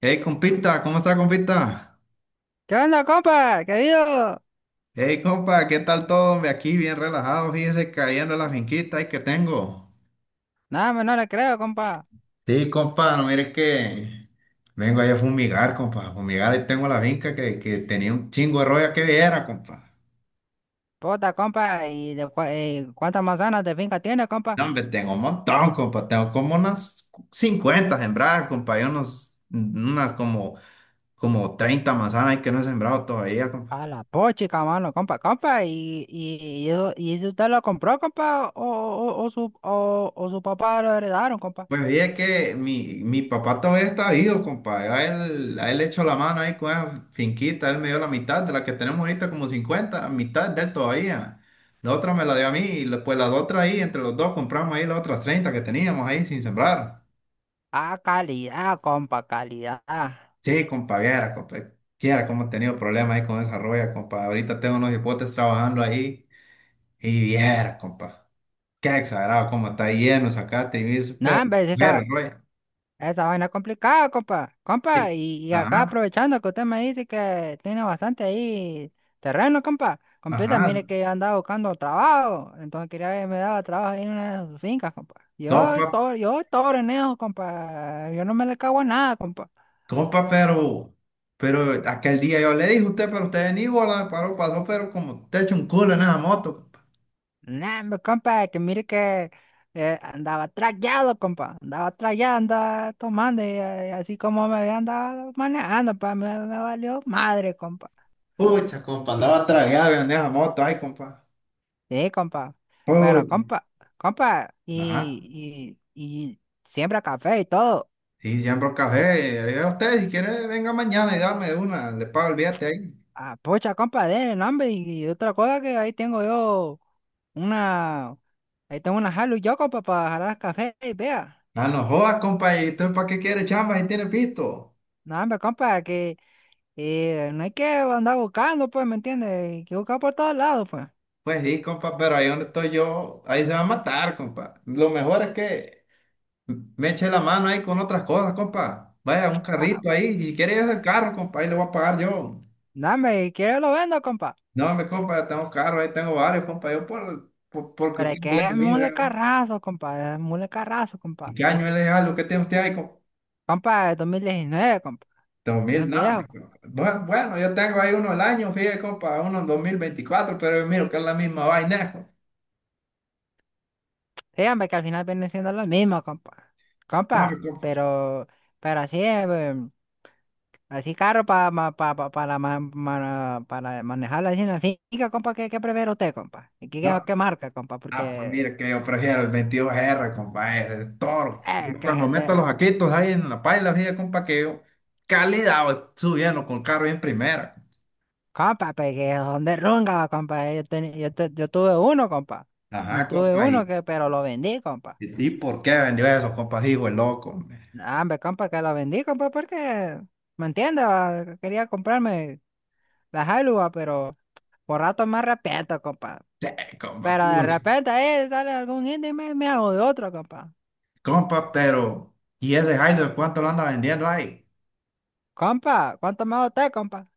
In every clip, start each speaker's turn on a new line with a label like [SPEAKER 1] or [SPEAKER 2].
[SPEAKER 1] Hey, compita, ¿cómo está, compita?
[SPEAKER 2] ¿Qué onda, compa? Querido.
[SPEAKER 1] Hey, compa, ¿qué tal todo? Hombre, aquí bien relajado, fíjese, cayendo en la finquita ahí que tengo.
[SPEAKER 2] Nada, más no le creo, compa.
[SPEAKER 1] Sí, compa, no mire que vengo ahí a fumigar, compa, a fumigar, ahí tengo la finca que tenía un chingo de roya que viera, compa.
[SPEAKER 2] Puta, compa. ¿Y cuántas manzanas de finca tiene, compa?
[SPEAKER 1] No, hombre, tengo un montón, compa, tengo como unas 50 sembradas, compa, y unas como 30 manzanas ahí que no he sembrado todavía,
[SPEAKER 2] A
[SPEAKER 1] compa.
[SPEAKER 2] la pochica, mano, compa, compa. ¿Y eso usted lo compró, compa? ¿O su papá lo heredaron, compa?
[SPEAKER 1] Pues oye, que mi papá todavía está vivo, compadre. A él le echó la mano ahí con esa finquita, él me dio la mitad de la que tenemos ahorita, como 50, mitad de él todavía. La otra me la dio a mí, y pues las otras ahí, entre los dos compramos ahí las otras 30 que teníamos ahí sin sembrar.
[SPEAKER 2] Ah, calidad, compa, calidad.
[SPEAKER 1] Sí, compadre, viera, compadre, quiera cómo he tenido problemas ahí con esa roya, compadre. Ahorita tengo unos hipotes trabajando ahí y viera, compadre. Qué exagerado, cómo está lleno, sacate y eso, pero,
[SPEAKER 2] Nada,
[SPEAKER 1] pero, roya.
[SPEAKER 2] esa vaina es complicada, compa.
[SPEAKER 1] Sí.
[SPEAKER 2] Compa, y acá
[SPEAKER 1] Ajá,
[SPEAKER 2] aprovechando que usted me dice que tiene bastante ahí terreno, compa. Compita,
[SPEAKER 1] ajá.
[SPEAKER 2] mire que andaba buscando trabajo. Entonces quería ver, me daba trabajo ahí en una de sus fincas, compa. Yo todo renejo, compa. Yo no me le cago a nada, compa.
[SPEAKER 1] Compa, pero aquel día yo le dije a usted, pero usted en Iguala paró, pasó, pero como te echó un culo en esa moto, compa.
[SPEAKER 2] Nah, hombre, compa, que mire que andaba trayado, compa. Andaba trayado, andaba tomando y, así como me había andado manejando, pa, me valió madre, compa.
[SPEAKER 1] Pucha, compa, andaba tragado en esa moto, ay, compa.
[SPEAKER 2] Sí, compa. Pero,
[SPEAKER 1] Pucha.
[SPEAKER 2] compa, compa,
[SPEAKER 1] Ajá.
[SPEAKER 2] y siembra café y todo.
[SPEAKER 1] Y siembro café. Y yo, usted, si quiere, venga mañana y dame una, le pago el billete ahí.
[SPEAKER 2] Ah, pucha, compa, de nombre. Y otra cosa que ahí tengo una, ahí tengo una jalo yo, compa, para jalar café y vea.
[SPEAKER 1] Ah, no jodas, compa, ¿y usted para qué quiere chamba si tiene pisto?
[SPEAKER 2] No, hombre, compa, que no hay que andar buscando, pues, ¿me entiendes? Hay que buscar por todos lados, pues.
[SPEAKER 1] Pues sí, compa, pero ahí donde estoy yo, ahí se va a matar, compa. Lo mejor es que me eché la mano ahí con otras cosas, compa. Vaya, un
[SPEAKER 2] Ah,
[SPEAKER 1] carrito ahí. Si quiere ese carro, compa, ahí le voy a pagar yo.
[SPEAKER 2] no, hombre, y quiero lo vendo, compa.
[SPEAKER 1] No, mi compa, yo tengo carro, ahí tengo varios, compa. Yo porque
[SPEAKER 2] Pero es
[SPEAKER 1] usted
[SPEAKER 2] que
[SPEAKER 1] no es
[SPEAKER 2] es
[SPEAKER 1] el mío,
[SPEAKER 2] mule
[SPEAKER 1] ¿verdad?
[SPEAKER 2] carrazo, compa, es mule carrazo,
[SPEAKER 1] ¿Y
[SPEAKER 2] compa.
[SPEAKER 1] qué
[SPEAKER 2] Y,
[SPEAKER 1] año es de algo? ¿Qué tiene usted ahí, compa?
[SPEAKER 2] compa, de 2019, compa,
[SPEAKER 1] Dos
[SPEAKER 2] no
[SPEAKER 1] mil,
[SPEAKER 2] es
[SPEAKER 1] no, mi
[SPEAKER 2] viejo.
[SPEAKER 1] compa. Bueno, bueno, yo tengo ahí uno al año, fíjate, compa, uno en 2024, pero miro que es la misma vaina, compa.
[SPEAKER 2] Sí, hombre, que al final vienen siendo los mismos, compa.
[SPEAKER 1] No, mi
[SPEAKER 2] Compa,
[SPEAKER 1] compa.
[SPEAKER 2] pero así, así caro para pa, pa- para ma- ma- para manejarla así en la finca, compa, ¿qué prefiere usted, compa? ¿Y qué,
[SPEAKER 1] No.
[SPEAKER 2] qué marca, compa?
[SPEAKER 1] Ah, pues
[SPEAKER 2] Porque,
[SPEAKER 1] mire que yo prefiero el 22R, compa, ese es toro. Yo
[SPEAKER 2] eh, que
[SPEAKER 1] cuando
[SPEAKER 2] es
[SPEAKER 1] meto
[SPEAKER 2] de,
[SPEAKER 1] los aquitos ahí en la paila, fíjate, compa, que yo calidad voy subiendo con el carro en primera.
[SPEAKER 2] compa, pues, que son de runga, compa. Yo tuve uno, compa. Yo
[SPEAKER 1] Ajá,
[SPEAKER 2] tuve
[SPEAKER 1] compa,
[SPEAKER 2] uno,
[SPEAKER 1] ¿y,
[SPEAKER 2] que, pero lo vendí, compa.
[SPEAKER 1] y por qué vendió eso, compa? Dijo el loco, hombre.
[SPEAKER 2] No, hombre, compa, que lo vendí, compa, porque, ¿me entiendes? Ah, quería comprarme la Hilux, ah, pero por rato más respeto, compa.
[SPEAKER 1] Sí, compa,
[SPEAKER 2] Pero de
[SPEAKER 1] puro
[SPEAKER 2] repente ahí sale algún indio y me hago de otro, compa.
[SPEAKER 1] compa, pero ¿y ese Jairo de cuánto lo anda vendiendo ahí?
[SPEAKER 2] Compa, ¿cuánto me hago usted, compa?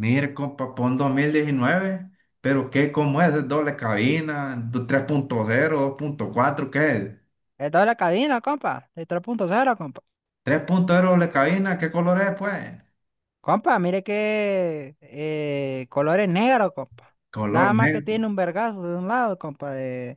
[SPEAKER 1] Mire, compa, pon 2019, pero ¿qué? ¿Cómo es? ¿Es doble cabina? ¿3.0, 2.4? ¿Qué es?
[SPEAKER 2] Esto es la cabina, compa. De 3.0 compa.
[SPEAKER 1] ¿3.0 doble cabina? ¿Qué color es, pues?
[SPEAKER 2] Compa, mire que color es negro, compa. Nada
[SPEAKER 1] Color
[SPEAKER 2] más que
[SPEAKER 1] negro.
[SPEAKER 2] tiene un vergazo de un lado, compa.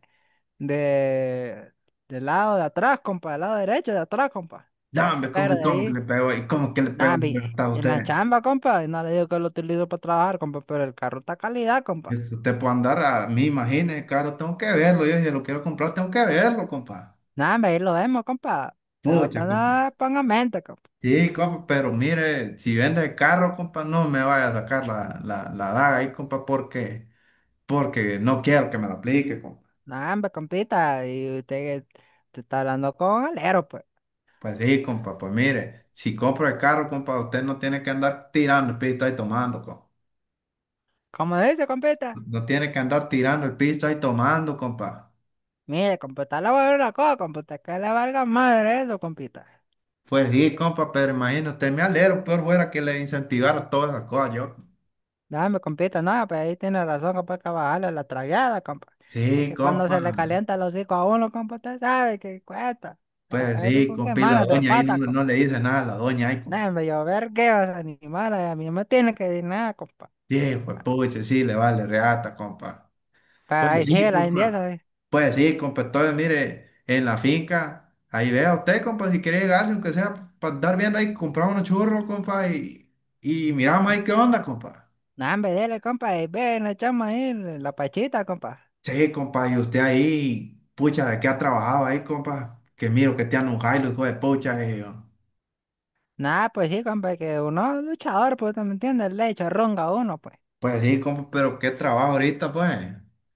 [SPEAKER 2] de, del lado de atrás, compa. Del lado derecho de atrás, compa.
[SPEAKER 1] Dame, ¿cómo,
[SPEAKER 2] Pero de
[SPEAKER 1] cómo que
[SPEAKER 2] ahí,
[SPEAKER 1] le pegó? ¿Y cómo que le pegó
[SPEAKER 2] nada,
[SPEAKER 1] ese
[SPEAKER 2] mire,
[SPEAKER 1] rectado a
[SPEAKER 2] en la
[SPEAKER 1] usted?
[SPEAKER 2] chamba, compa. Y no le digo que lo utilizo para trabajar, compa. Pero el carro está calidad, compa.
[SPEAKER 1] Es que usted puede andar a mí, imagínese, caro, tengo que verlo. Yo si lo quiero comprar, tengo que verlo, compa.
[SPEAKER 2] Nada, hombre, ahí lo vemos, compa. De
[SPEAKER 1] Pucha,
[SPEAKER 2] otra
[SPEAKER 1] compi.
[SPEAKER 2] nada, ponga mente, compa.
[SPEAKER 1] Sí, compa, pero mire, si vende el carro, compa, no me vaya a sacar la daga ahí, compa, porque no quiero que me la aplique, compa.
[SPEAKER 2] No, hombre, compita, y usted, que te está hablando con alero, pues.
[SPEAKER 1] Pues sí, compa, pues mire, si compro el carro, compa, usted no tiene que andar tirando el pisto ahí tomando, compa.
[SPEAKER 2] ¿Cómo dice, compita?
[SPEAKER 1] No tiene que andar tirando el pisto ahí tomando, compa.
[SPEAKER 2] Mire, compita, le voy a decir una cosa, compita, que le valga madre eso, compita.
[SPEAKER 1] Pues sí, compa, pero imagínate, me alegro, peor fuera que le incentivara todas esas cosas, yo.
[SPEAKER 2] No, hombre, compita, no, pues ahí tiene razón, compa, hay que bajarle la tragada, compa.
[SPEAKER 1] Sí,
[SPEAKER 2] Es que cuando
[SPEAKER 1] compa,
[SPEAKER 2] se le calienta los hocico a uno, compa, usted sabe que cuesta.
[SPEAKER 1] pues
[SPEAKER 2] A veces
[SPEAKER 1] sí,
[SPEAKER 2] son
[SPEAKER 1] compa, y la
[SPEAKER 2] semanas de
[SPEAKER 1] doña ahí no,
[SPEAKER 2] pata,
[SPEAKER 1] no
[SPEAKER 2] compa.
[SPEAKER 1] no le dice nada a la doña ahí, compa.
[SPEAKER 2] No, hombre, yo vergueo esos animales, a mí no me tiene que decir nada, compa.
[SPEAKER 1] Sí, pues puche, sí, le vale reata, compa.
[SPEAKER 2] Pero
[SPEAKER 1] Pues
[SPEAKER 2] ahí sí,
[SPEAKER 1] sí,
[SPEAKER 2] la india,
[SPEAKER 1] compa,
[SPEAKER 2] ¿sabes?
[SPEAKER 1] pues sí, compa, entonces mire, en la finca, ahí vea usted, compa, si quiere llegarse, aunque sea para andar viendo ahí, comprar unos churros, compa, y miramos ahí qué onda, compa.
[SPEAKER 2] No, hombre, dele, compa, y ven, le echamos ahí la pachita, compa.
[SPEAKER 1] Sí, compa, y usted ahí, pucha, ¿de qué ha trabajado ahí, compa? Que miro que te han un los hijo de pucha, y yo.
[SPEAKER 2] Nada, pues sí, compa, que uno es luchador, pues, ¿te ¿me entiendes? Le echa ronga a uno, pues.
[SPEAKER 1] Pues sí, compa, pero qué trabajo ahorita, pues.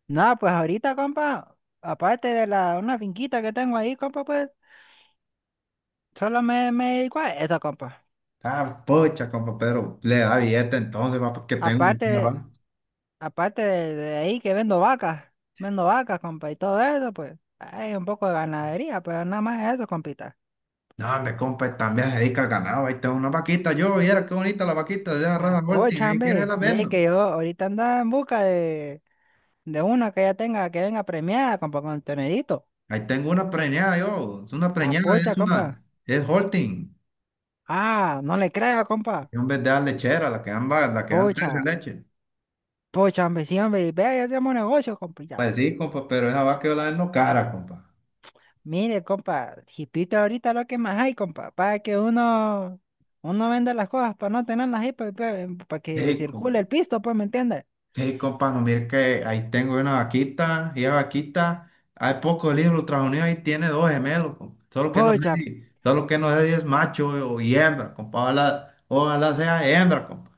[SPEAKER 2] Nada, pues ahorita, compa, aparte de una finquita que tengo ahí, compa, pues, solo me dedico a eso, compa.
[SPEAKER 1] Ah, pucha, compa, pero le da billete entonces, va, porque tengo un
[SPEAKER 2] Aparte, de-
[SPEAKER 1] carro.
[SPEAKER 2] aparte de ahí que vendo vacas, compa, y todo eso, pues, hay un poco de ganadería, pero nada más eso, compita.
[SPEAKER 1] No, hombre, compa, también se dedica al ganado. Ahí tengo una vaquita, yo, viera qué bonita la vaquita de esa
[SPEAKER 2] Ah,
[SPEAKER 1] raza Holting,
[SPEAKER 2] pocha,
[SPEAKER 1] ahí quiere
[SPEAKER 2] hombre,
[SPEAKER 1] la
[SPEAKER 2] mire
[SPEAKER 1] vendo.
[SPEAKER 2] que yo ahorita andaba en busca de una que ya tenga, que venga premiada, compa, con el tonedito.
[SPEAKER 1] Ahí tengo una preñada, yo, es una
[SPEAKER 2] Ah,
[SPEAKER 1] preñada,
[SPEAKER 2] pocha,
[SPEAKER 1] es
[SPEAKER 2] compa.
[SPEAKER 1] una, es Holting.
[SPEAKER 2] Ah, no le creo,
[SPEAKER 1] Y
[SPEAKER 2] compa.
[SPEAKER 1] en vez de dar lechera, la que dan, la que dan tres
[SPEAKER 2] Pocha,
[SPEAKER 1] de leche.
[SPEAKER 2] pocha, hombre, sí, hombre, vea, ya hacemos negocio, compa, ya.
[SPEAKER 1] Pues sí, compa, pero esa vaca yo la vendo cara, compa.
[SPEAKER 2] Mire, compa, jipita ahorita lo que más hay, compa, para que uno venda las cosas, para no tenerlas ahí, pues, para, que
[SPEAKER 1] Hey,
[SPEAKER 2] circule
[SPEAKER 1] compa.
[SPEAKER 2] el pisto, pues, ¿me entiendes?
[SPEAKER 1] Ey, compa, no, mire que ahí tengo una vaquita, y la vaquita, hay pocos libros, Estados Unidos ahí tiene dos gemelos, compa. Solo que no sé
[SPEAKER 2] Pocha,
[SPEAKER 1] si, solo que no sé si es macho o y hembra, compa, ojalá sea hembra, compa.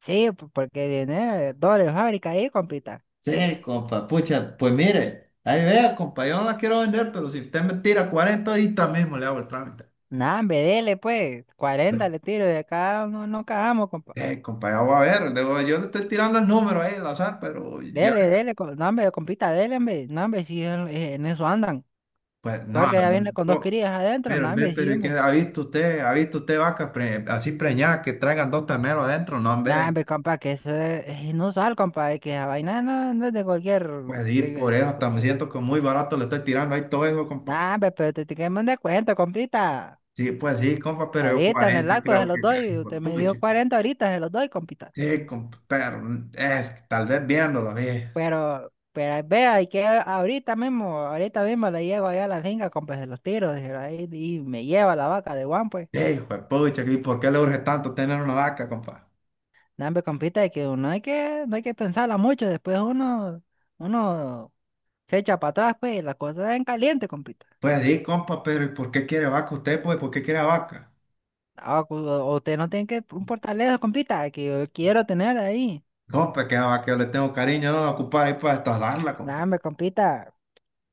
[SPEAKER 2] sí, porque viene doble fábrica ahí, compita.
[SPEAKER 1] Sí, compa, pucha, pues mire, ahí vea, compa, yo no la quiero vender, pero si usted me tira 40 ahorita mismo le hago el trámite.
[SPEAKER 2] Nah, hombre, dele, pues, 40, le tiro de cada uno, no cagamos, compa.
[SPEAKER 1] Compa, ya voy a ver, yo le estoy tirando el número ahí al azar, pero ya,
[SPEAKER 2] Dele, dele, no, hombre, compita, dele, hombre, no, hombre, sí, en eso andan,
[SPEAKER 1] pues no,
[SPEAKER 2] porque ya viene con dos
[SPEAKER 1] no.
[SPEAKER 2] crías adentro, no,
[SPEAKER 1] Pero, ve,
[SPEAKER 2] hombre,
[SPEAKER 1] pero
[SPEAKER 2] sí,
[SPEAKER 1] ¿y qué
[SPEAKER 2] hombre.
[SPEAKER 1] ha visto usted? ¿Ha visto usted vacas así preñadas que traigan dos terneros adentro? No,
[SPEAKER 2] Nah,
[SPEAKER 1] hombre.
[SPEAKER 2] hombre, compa, que eso es inusual, compa, y que la vaina no es de cualquier,
[SPEAKER 1] Pues sí, por
[SPEAKER 2] de,
[SPEAKER 1] eso
[SPEAKER 2] de
[SPEAKER 1] hasta me
[SPEAKER 2] cualquier.
[SPEAKER 1] siento que muy barato le estoy tirando ahí todo eso, compa.
[SPEAKER 2] Nah, hombre, pero te tenemos un descuento, compita.
[SPEAKER 1] Sí, pues sí, compa, pero yo
[SPEAKER 2] Ahorita en el
[SPEAKER 1] 40
[SPEAKER 2] acto se
[SPEAKER 1] creo que
[SPEAKER 2] los doy,
[SPEAKER 1] hijo de
[SPEAKER 2] usted me
[SPEAKER 1] pucha.
[SPEAKER 2] dio 40 ahorita, se los doy, compita.
[SPEAKER 1] Sí, compa, pero es que tal vez viéndolo bien.
[SPEAKER 2] Pero vea, y que ahorita mismo le llego allá a la finca, compa, se los tiro, se ahí, y me lleva la vaca de Juan, pues.
[SPEAKER 1] "Ey, hijo de pucha, ¿y por qué le urge tanto tener una vaca, compa?"
[SPEAKER 2] Nah, hombre, compita, y que uno hay que, no hay que pensarla mucho, después uno se echa para atrás, pues, y la cosa es en caliente, compita.
[SPEAKER 1] Pues sí, compa, pero ¿y por qué quiere vaca usted, pues? ¿Por qué quiere vaca?
[SPEAKER 2] Ah, usted no tiene que importarle eso, compita, que yo quiero tener ahí.
[SPEAKER 1] Compa, que a vaca yo le tengo cariño, no la ocupar ahí para estadarla,
[SPEAKER 2] Nada,
[SPEAKER 1] compa.
[SPEAKER 2] me compita,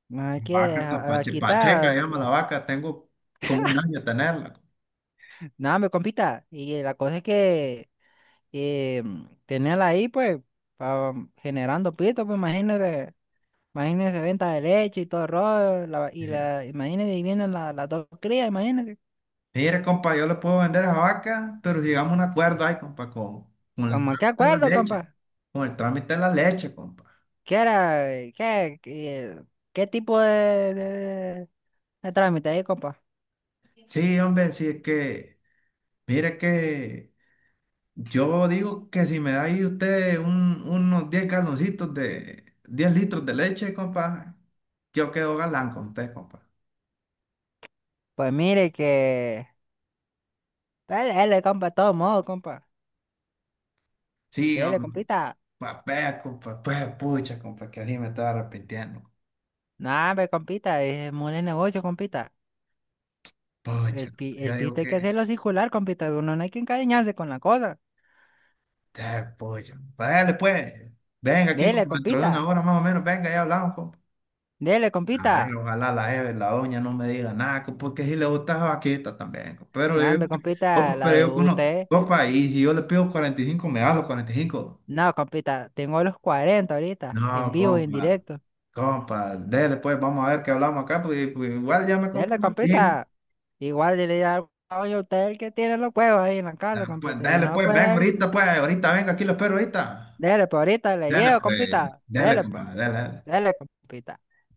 [SPEAKER 2] no hay que
[SPEAKER 1] Vaca está pacheca,
[SPEAKER 2] quitar.
[SPEAKER 1] llama la vaca, tengo como un año tenerla.
[SPEAKER 2] Nada, me compita. Y la cosa es que eh, tenerla ahí, pues, generando pito, pues imagínese, imagínese venta de leche y todo el rollo,
[SPEAKER 1] Y
[SPEAKER 2] y
[SPEAKER 1] dije,
[SPEAKER 2] la, imagínese y vienen las dos crías, imagínese.
[SPEAKER 1] mire, compa, yo le puedo vender esa vaca, pero si llegamos a un acuerdo ahí, compa, con el
[SPEAKER 2] Como, ¿qué
[SPEAKER 1] trámite de la
[SPEAKER 2] acuerdo,
[SPEAKER 1] leche,
[SPEAKER 2] compa?
[SPEAKER 1] con el trámite de la leche, compa.
[SPEAKER 2] ¿Qué era? ¿Qué, qué, qué tipo de trámite ahí, compa?
[SPEAKER 1] Sí, hombre, sí es que, mire que yo digo que si me da ahí usted unos 10 galoncitos de 10 litros de leche, compa, yo quedo galán con usted, compa.
[SPEAKER 2] Pues mire que. Dale, dale, compa, todo modo, compa.
[SPEAKER 1] Sí,
[SPEAKER 2] Dale,
[SPEAKER 1] hombre,
[SPEAKER 2] compita.
[SPEAKER 1] compa, vea, compa, pues pucha, compa, que así me estaba arrepintiendo.
[SPEAKER 2] No hombre, compita, es muy de negocio, compita. El,
[SPEAKER 1] Pucha,
[SPEAKER 2] pi-
[SPEAKER 1] yo
[SPEAKER 2] el
[SPEAKER 1] digo
[SPEAKER 2] pito hay que
[SPEAKER 1] que,
[SPEAKER 2] hacerlo circular, compita. Uno no hay que encariñarse con la cosa.
[SPEAKER 1] ah, pucha, vale pues, venga aquí
[SPEAKER 2] Dele,
[SPEAKER 1] como dentro de una
[SPEAKER 2] compita.
[SPEAKER 1] hora más o menos, venga, ya hablamos, compa.
[SPEAKER 2] Dele,
[SPEAKER 1] A
[SPEAKER 2] compita.
[SPEAKER 1] ver, ojalá la jefe, la doña no me diga nada, porque si le gusta vaquita también, co. pero
[SPEAKER 2] No
[SPEAKER 1] yo,
[SPEAKER 2] hombre,
[SPEAKER 1] digo
[SPEAKER 2] compita,
[SPEAKER 1] compa,
[SPEAKER 2] la
[SPEAKER 1] pero
[SPEAKER 2] de
[SPEAKER 1] yo que uno,
[SPEAKER 2] usted.
[SPEAKER 1] compa, y si yo le pido 45 me da los 45.
[SPEAKER 2] No, compita, tengo los 40 ahorita, en
[SPEAKER 1] No,
[SPEAKER 2] vivo y en
[SPEAKER 1] compa,
[SPEAKER 2] directo.
[SPEAKER 1] compa, dele pues, vamos a ver qué hablamos acá, porque pues, igual ya me compré
[SPEAKER 2] Dele,
[SPEAKER 1] una pico.
[SPEAKER 2] compita. Igual yo le digo, oye, usted es el que tiene los huevos ahí en la casa,
[SPEAKER 1] Pues,
[SPEAKER 2] compita. Y
[SPEAKER 1] dele
[SPEAKER 2] no
[SPEAKER 1] pues, venga
[SPEAKER 2] puede.
[SPEAKER 1] ahorita pues, ahorita venga, aquí lo espero ahorita.
[SPEAKER 2] Dele, pues ahorita le
[SPEAKER 1] Dele
[SPEAKER 2] llevo,
[SPEAKER 1] pues,
[SPEAKER 2] compita.
[SPEAKER 1] dele
[SPEAKER 2] Dele, pues.
[SPEAKER 1] compa, dele.
[SPEAKER 2] Dele, compita.